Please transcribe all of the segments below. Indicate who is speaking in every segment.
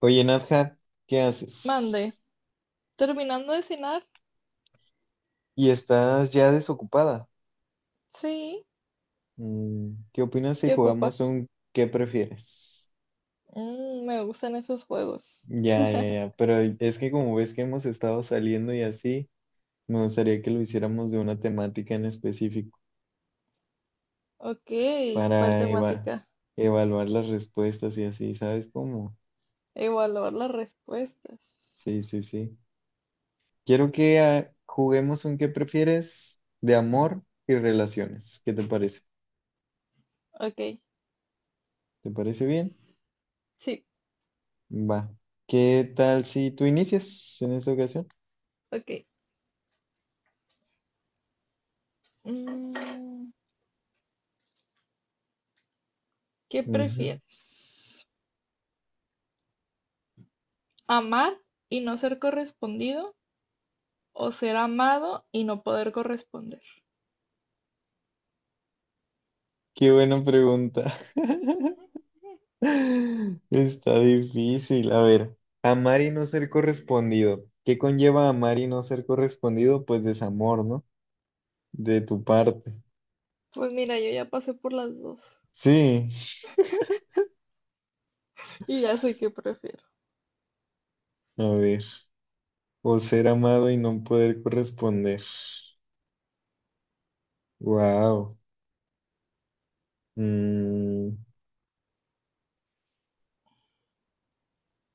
Speaker 1: Oye, Nadja, ¿qué
Speaker 2: Mande,
Speaker 1: haces?
Speaker 2: terminando de cenar,
Speaker 1: ¿Y estás ya desocupada?
Speaker 2: sí,
Speaker 1: ¿Qué opinas si
Speaker 2: ¿qué
Speaker 1: jugamos
Speaker 2: ocupas?
Speaker 1: un qué prefieres?
Speaker 2: Mm, me gustan esos juegos.
Speaker 1: Ya, ya, ya, pero es que como ves que hemos estado saliendo y así, me gustaría que lo hiciéramos de una temática en específico
Speaker 2: Ok, ¿cuál
Speaker 1: para eva-
Speaker 2: temática?
Speaker 1: evaluar las respuestas y así, ¿sabes cómo?
Speaker 2: Evaluar las respuestas.
Speaker 1: Sí, sí, sí. Quiero que juguemos un qué prefieres de amor y relaciones. ¿Qué te parece?
Speaker 2: Ok,
Speaker 1: ¿Te parece bien?
Speaker 2: sí,
Speaker 1: Va. ¿Qué tal si tú inicias en esta ocasión?
Speaker 2: ok. Mm, ¿Qué
Speaker 1: Ujú.
Speaker 2: prefieres? ¿Amar y no ser correspondido o ser amado y no poder corresponder?
Speaker 1: Qué buena pregunta.
Speaker 2: Ujú.
Speaker 1: Está difícil. A ver, amar y no ser correspondido. ¿Qué conlleva amar y no ser correspondido? Pues desamor, ¿no? De tu parte.
Speaker 2: Pues mira, yo ya pasé por las dos
Speaker 1: Sí.
Speaker 2: y ya sé qué prefiero.
Speaker 1: A ver. O ser amado y no poder corresponder. Wow.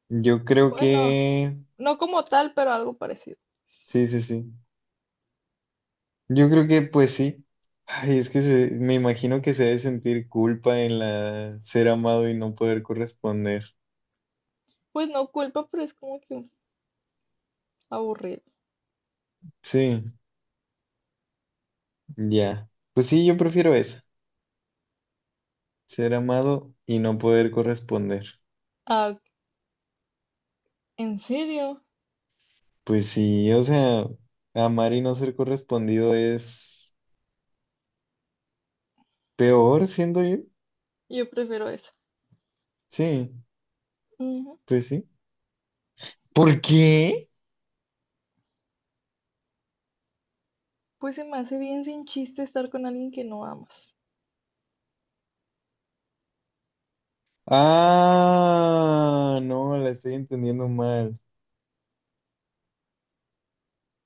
Speaker 1: Yo creo
Speaker 2: Bueno,
Speaker 1: que...
Speaker 2: no como tal, pero algo parecido.
Speaker 1: Sí, sí, sí. Yo creo que pues sí. Ay, me imagino que se debe sentir culpa en la ser amado y no poder corresponder.
Speaker 2: Pues no culpa, pero es como que aburrido.
Speaker 1: Sí, ya. Pues sí, yo prefiero esa, ser amado y no poder corresponder.
Speaker 2: Ah, ¿en serio?
Speaker 1: Pues sí, o sea, amar y no ser correspondido es peor, siendo yo.
Speaker 2: Yo prefiero eso.
Speaker 1: Sí,
Speaker 2: Ujú.
Speaker 1: pues sí. ¿Por qué?
Speaker 2: Pues se me hace bien sin chiste estar con alguien que no amas.
Speaker 1: Ah, no, la estoy entendiendo mal.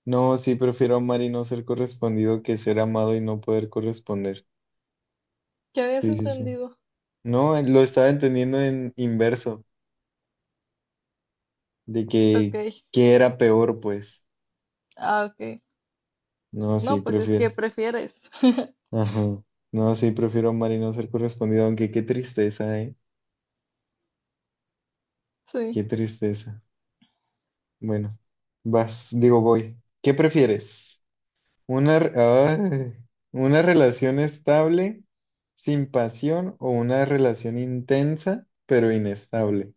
Speaker 1: No, sí, prefiero amar y no ser correspondido que ser amado y no poder corresponder.
Speaker 2: ¿Qué habías
Speaker 1: Sí, sí, sí.
Speaker 2: entendido?
Speaker 1: No, lo estaba entendiendo en inverso, de
Speaker 2: Ok.
Speaker 1: que era peor, pues.
Speaker 2: Ah, ok.
Speaker 1: No, sí,
Speaker 2: No, pues es
Speaker 1: prefiero.
Speaker 2: que prefieres.
Speaker 1: Ajá. No, sí, prefiero amar y no ser correspondido, aunque qué tristeza, ¿eh? Qué
Speaker 2: Sí.
Speaker 1: tristeza. Bueno, vas, digo, voy. ¿Qué prefieres? ¿Una, re- ay, una relación estable sin pasión o una relación intensa pero inestable?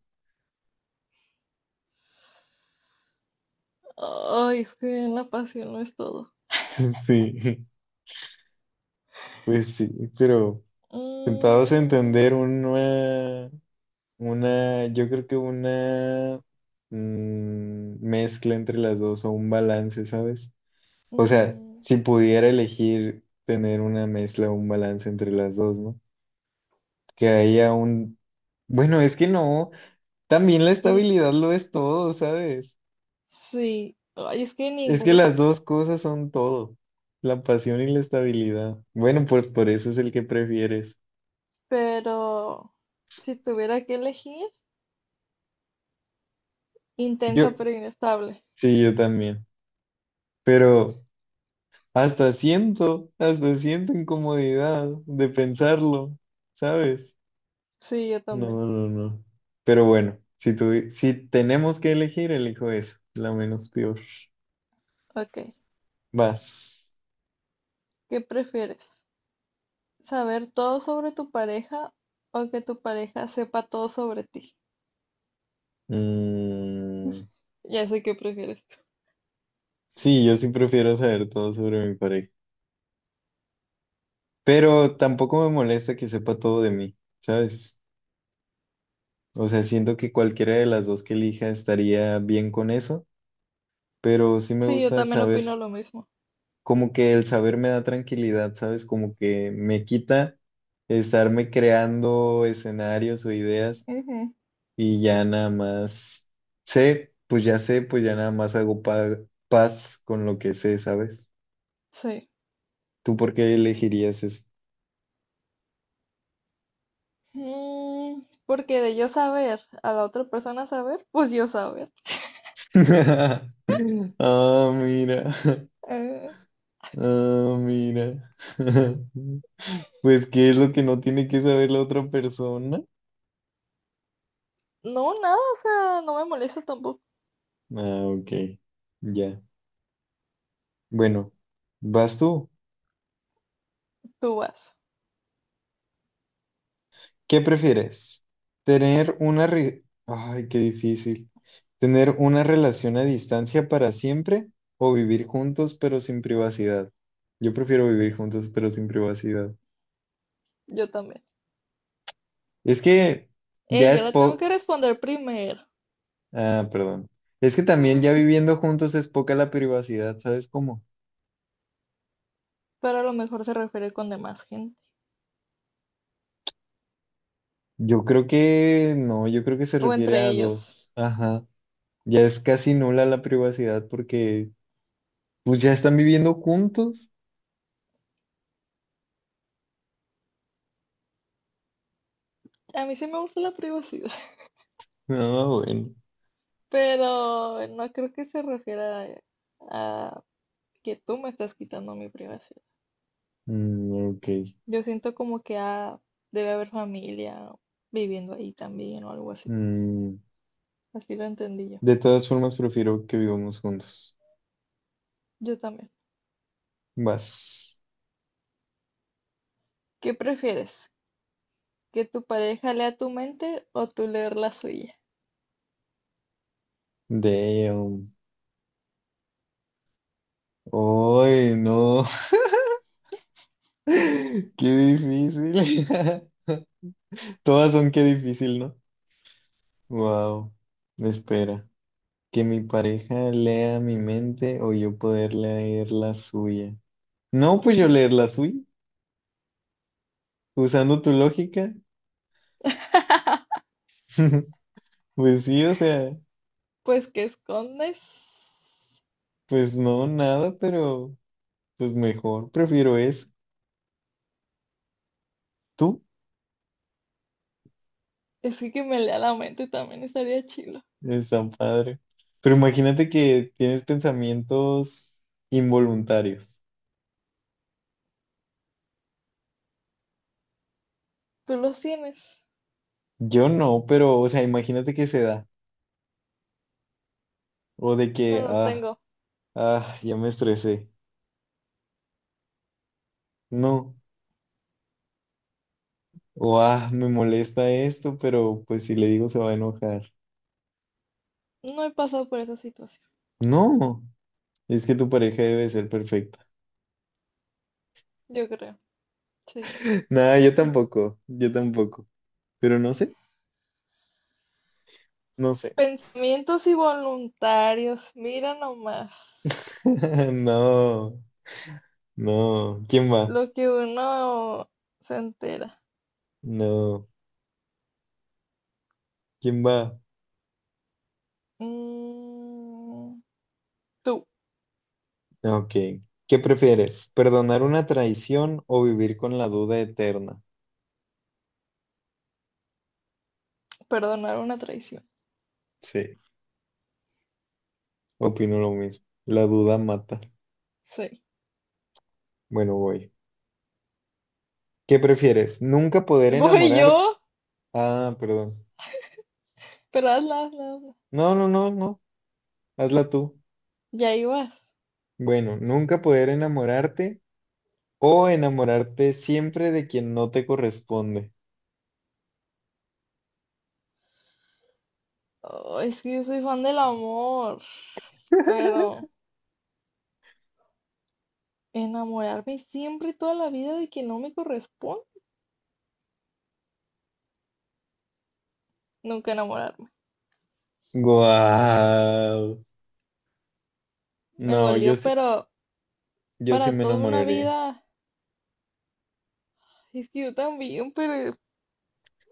Speaker 2: Ay, es que la pasión no es todo.
Speaker 1: Sí, pues sí, pero tentados a
Speaker 2: Mm,
Speaker 1: entender una... Una, yo creo que una mezcla entre las dos o un balance, ¿sabes? O sea,
Speaker 2: mm,
Speaker 1: si pudiera elegir tener una mezcla o un balance entre las dos, ¿no? Que haya un... Bueno, es que no, también la
Speaker 2: mm,
Speaker 1: estabilidad lo es todo, ¿sabes?
Speaker 2: sí. Ay, es que
Speaker 1: Es que
Speaker 2: ninguna.
Speaker 1: las dos cosas son todo, la pasión y la estabilidad. Bueno, pues por eso es el que prefieres.
Speaker 2: Pero si tuviera que elegir,
Speaker 1: Yo,
Speaker 2: intensa pero inestable.
Speaker 1: sí, yo también. Pero... Hasta siento incomodidad de pensarlo, ¿sabes?
Speaker 2: Sí, yo también.
Speaker 1: No, no, no. Pero bueno, si tenemos que elegir, elijo eso, la menos peor.
Speaker 2: Ok.
Speaker 1: Vas.
Speaker 2: ¿Qué prefieres, saber todo sobre tu pareja o que tu pareja sepa todo sobre ti?
Speaker 1: Mm,
Speaker 2: Ya sé qué prefieres.
Speaker 1: sí, yo sí prefiero saber todo sobre mi pareja. Pero tampoco me molesta que sepa todo de mí, ¿sabes? O sea, siento que cualquiera de las dos que elija estaría bien con eso, pero sí me
Speaker 2: Sí, yo
Speaker 1: gusta
Speaker 2: también
Speaker 1: saber.
Speaker 2: opino lo mismo.
Speaker 1: Como que el saber me da tranquilidad, ¿sabes? Como que me quita estarme creando escenarios o ideas
Speaker 2: Ujú,
Speaker 1: y ya nada más sé, pues ya nada más paz con lo que sé, ¿sabes?
Speaker 2: sí.
Speaker 1: ¿Tú por qué elegirías eso?
Speaker 2: Porque de yo saber a la otra persona saber, pues yo saber.
Speaker 1: Ah, mira.
Speaker 2: Eh,
Speaker 1: Ah, mira. Pues, ¿qué es lo que no tiene que saber la otra persona?
Speaker 2: no, nada, o sea, no me molesta tampoco.
Speaker 1: Ah, ok. Ya. Bueno, ¿vas tú?
Speaker 2: Tú vas,
Speaker 1: ¿Qué prefieres? Ay, qué difícil. ¿Tener una relación a distancia para siempre o vivir juntos pero sin privacidad? Yo prefiero vivir juntos pero sin privacidad.
Speaker 2: yo también.
Speaker 1: Es que ya
Speaker 2: Yo
Speaker 1: es
Speaker 2: la
Speaker 1: po...
Speaker 2: tengo que responder primero,
Speaker 1: Ah, perdón. Es que también ya viviendo juntos es poca la privacidad, ¿sabes cómo?
Speaker 2: pero a lo mejor se refiere con demás gente
Speaker 1: Yo creo que no, yo creo que se
Speaker 2: o
Speaker 1: refiere
Speaker 2: entre
Speaker 1: a
Speaker 2: ellos.
Speaker 1: dos. Ajá. Ya es casi nula la privacidad porque pues ya están viviendo juntos.
Speaker 2: A mí sí me gusta la privacidad.
Speaker 1: No, bueno.
Speaker 2: Pero no creo que se refiera a que tú me estás quitando mi privacidad.
Speaker 1: Mm, ok.
Speaker 2: Yo siento como que ah, debe haber familia viviendo ahí también o algo así. Pues.
Speaker 1: Mm,
Speaker 2: Así lo entendí yo.
Speaker 1: de todas formas, prefiero que vivamos juntos.
Speaker 2: Yo también.
Speaker 1: Vas.
Speaker 2: ¿Qué prefieres? ¿Que tu pareja lea tu mente o tú leer la suya?
Speaker 1: Damn. Ay, no. Qué difícil. Todas son qué difícil, ¿no? Wow. Espera. Que mi pareja lea mi mente o yo poder leer la suya. No, pues yo
Speaker 2: Ujú.
Speaker 1: leer la suya. Usando tu lógica. Pues sí, o sea,
Speaker 2: Pues que escondes.
Speaker 1: pues no, nada, pero pues mejor. Prefiero eso. ¿Tú?
Speaker 2: Es que me lea la mente también estaría chido.
Speaker 1: Es tan padre. Pero imagínate que tienes pensamientos involuntarios.
Speaker 2: ¿Tú los tienes?
Speaker 1: Yo no, pero, o sea, imagínate que se da. O de
Speaker 2: No
Speaker 1: que,
Speaker 2: los
Speaker 1: ah,
Speaker 2: tengo.
Speaker 1: ah, ya me estresé. No. O, me molesta esto, pero pues si le digo se va a enojar.
Speaker 2: No he pasado por esa situación.
Speaker 1: No. Es que tu pareja debe ser perfecta.
Speaker 2: Yo creo. Sí.
Speaker 1: Nada, yo tampoco. Yo tampoco. Pero no sé. No sé.
Speaker 2: Pensamientos involuntarios, mira nomás
Speaker 1: No. No. ¿Quién va?
Speaker 2: lo que uno se entera.
Speaker 1: No. ¿Quién va?
Speaker 2: Mm, tú,
Speaker 1: Ok. ¿Qué prefieres? ¿Perdonar una traición o vivir con la duda eterna?
Speaker 2: perdonar una traición.
Speaker 1: Sí, opino lo mismo. La duda mata.
Speaker 2: Sí.
Speaker 1: Bueno, voy. ¿Qué prefieres? ¿Nunca poder
Speaker 2: Voy
Speaker 1: enamorar...
Speaker 2: yo,
Speaker 1: Ah, perdón.
Speaker 2: pero hazla, hazla, hazla.
Speaker 1: No, no, no, no. Hazla tú.
Speaker 2: Ya ibas.
Speaker 1: Bueno, ¿nunca poder enamorarte o enamorarte siempre de quien no te corresponde?
Speaker 2: Oh, es que yo soy fan del amor, pero enamorarme siempre y toda la vida de quien no me corresponde, nunca enamorarme.
Speaker 1: Guau.
Speaker 2: Me
Speaker 1: No,
Speaker 2: dolió, pero
Speaker 1: yo sí
Speaker 2: para
Speaker 1: me
Speaker 2: toda una
Speaker 1: enamoraría.
Speaker 2: vida, es que yo también, pero es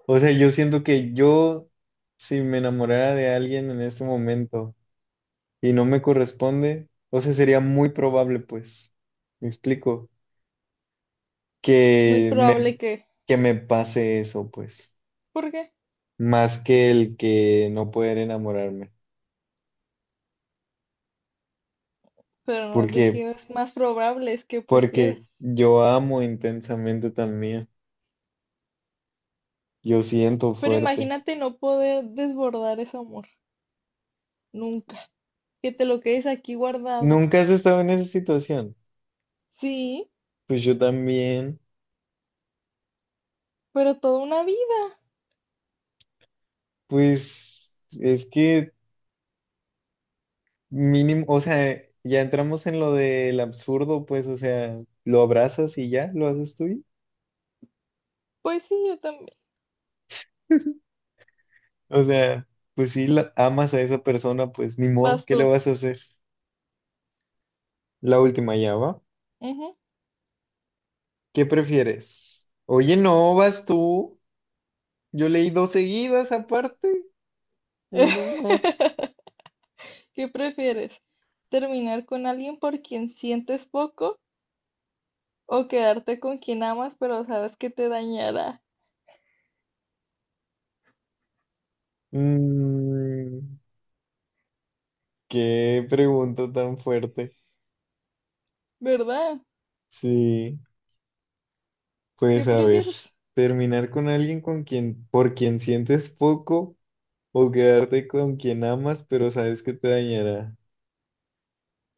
Speaker 1: O sea, yo siento que yo, si me enamorara de alguien en este momento, y no me corresponde, o sea, sería muy probable, pues, me explico,
Speaker 2: muy
Speaker 1: que
Speaker 2: probable
Speaker 1: me,
Speaker 2: que
Speaker 1: que me pase eso, pues,
Speaker 2: ¿por qué?
Speaker 1: más que el que no poder enamorarme.
Speaker 2: Pero no es de
Speaker 1: porque
Speaker 2: que es más probable, es que
Speaker 1: Porque
Speaker 2: prefieras.
Speaker 1: yo amo intensamente también, yo siento
Speaker 2: Pero
Speaker 1: fuerte.
Speaker 2: imagínate no poder desbordar ese amor, nunca. Que te lo quedes aquí guardado.
Speaker 1: ¿Nunca has estado en esa situación?
Speaker 2: Sí,
Speaker 1: Pues yo también,
Speaker 2: pero toda una vida.
Speaker 1: pues, es que mínimo, o sea, ya entramos en lo del absurdo, pues, o sea, lo abrazas y ya, lo haces tuyo.
Speaker 2: Pues sí, yo también.
Speaker 1: O sea, pues si la- amas a esa persona, pues ni modo,
Speaker 2: Vas
Speaker 1: ¿qué le
Speaker 2: tú.
Speaker 1: vas a hacer? La última ya va.
Speaker 2: Ujú.
Speaker 1: ¿Qué prefieres? Oye, no, vas tú. Yo leí dos seguidas aparte. Uy, no más.
Speaker 2: ¿Qué prefieres? ¿Terminar con alguien por quien sientes poco o quedarte con quien amas pero sabes que te dañará?
Speaker 1: Mm, qué pregunta tan fuerte.
Speaker 2: ¿Verdad?
Speaker 1: Sí, pues
Speaker 2: ¿Qué
Speaker 1: a ver,
Speaker 2: prefieres?
Speaker 1: terminar con alguien con quien, por quien sientes poco o quedarte con quien amas, pero sabes que te dañará.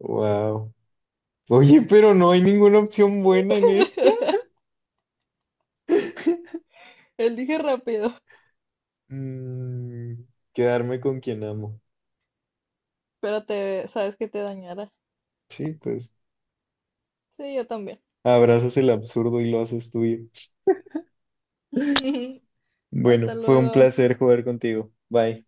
Speaker 1: Wow. Oye, pero no hay ninguna opción buena en esta.
Speaker 2: Elige rápido,
Speaker 1: Mm, quedarme con quien amo.
Speaker 2: pero te sabes que te dañará.
Speaker 1: Sí, pues
Speaker 2: Sí, yo también.
Speaker 1: abrazas el absurdo y lo haces tuyo. Bueno,
Speaker 2: Hasta
Speaker 1: fue un
Speaker 2: luego.
Speaker 1: placer jugar contigo. Bye.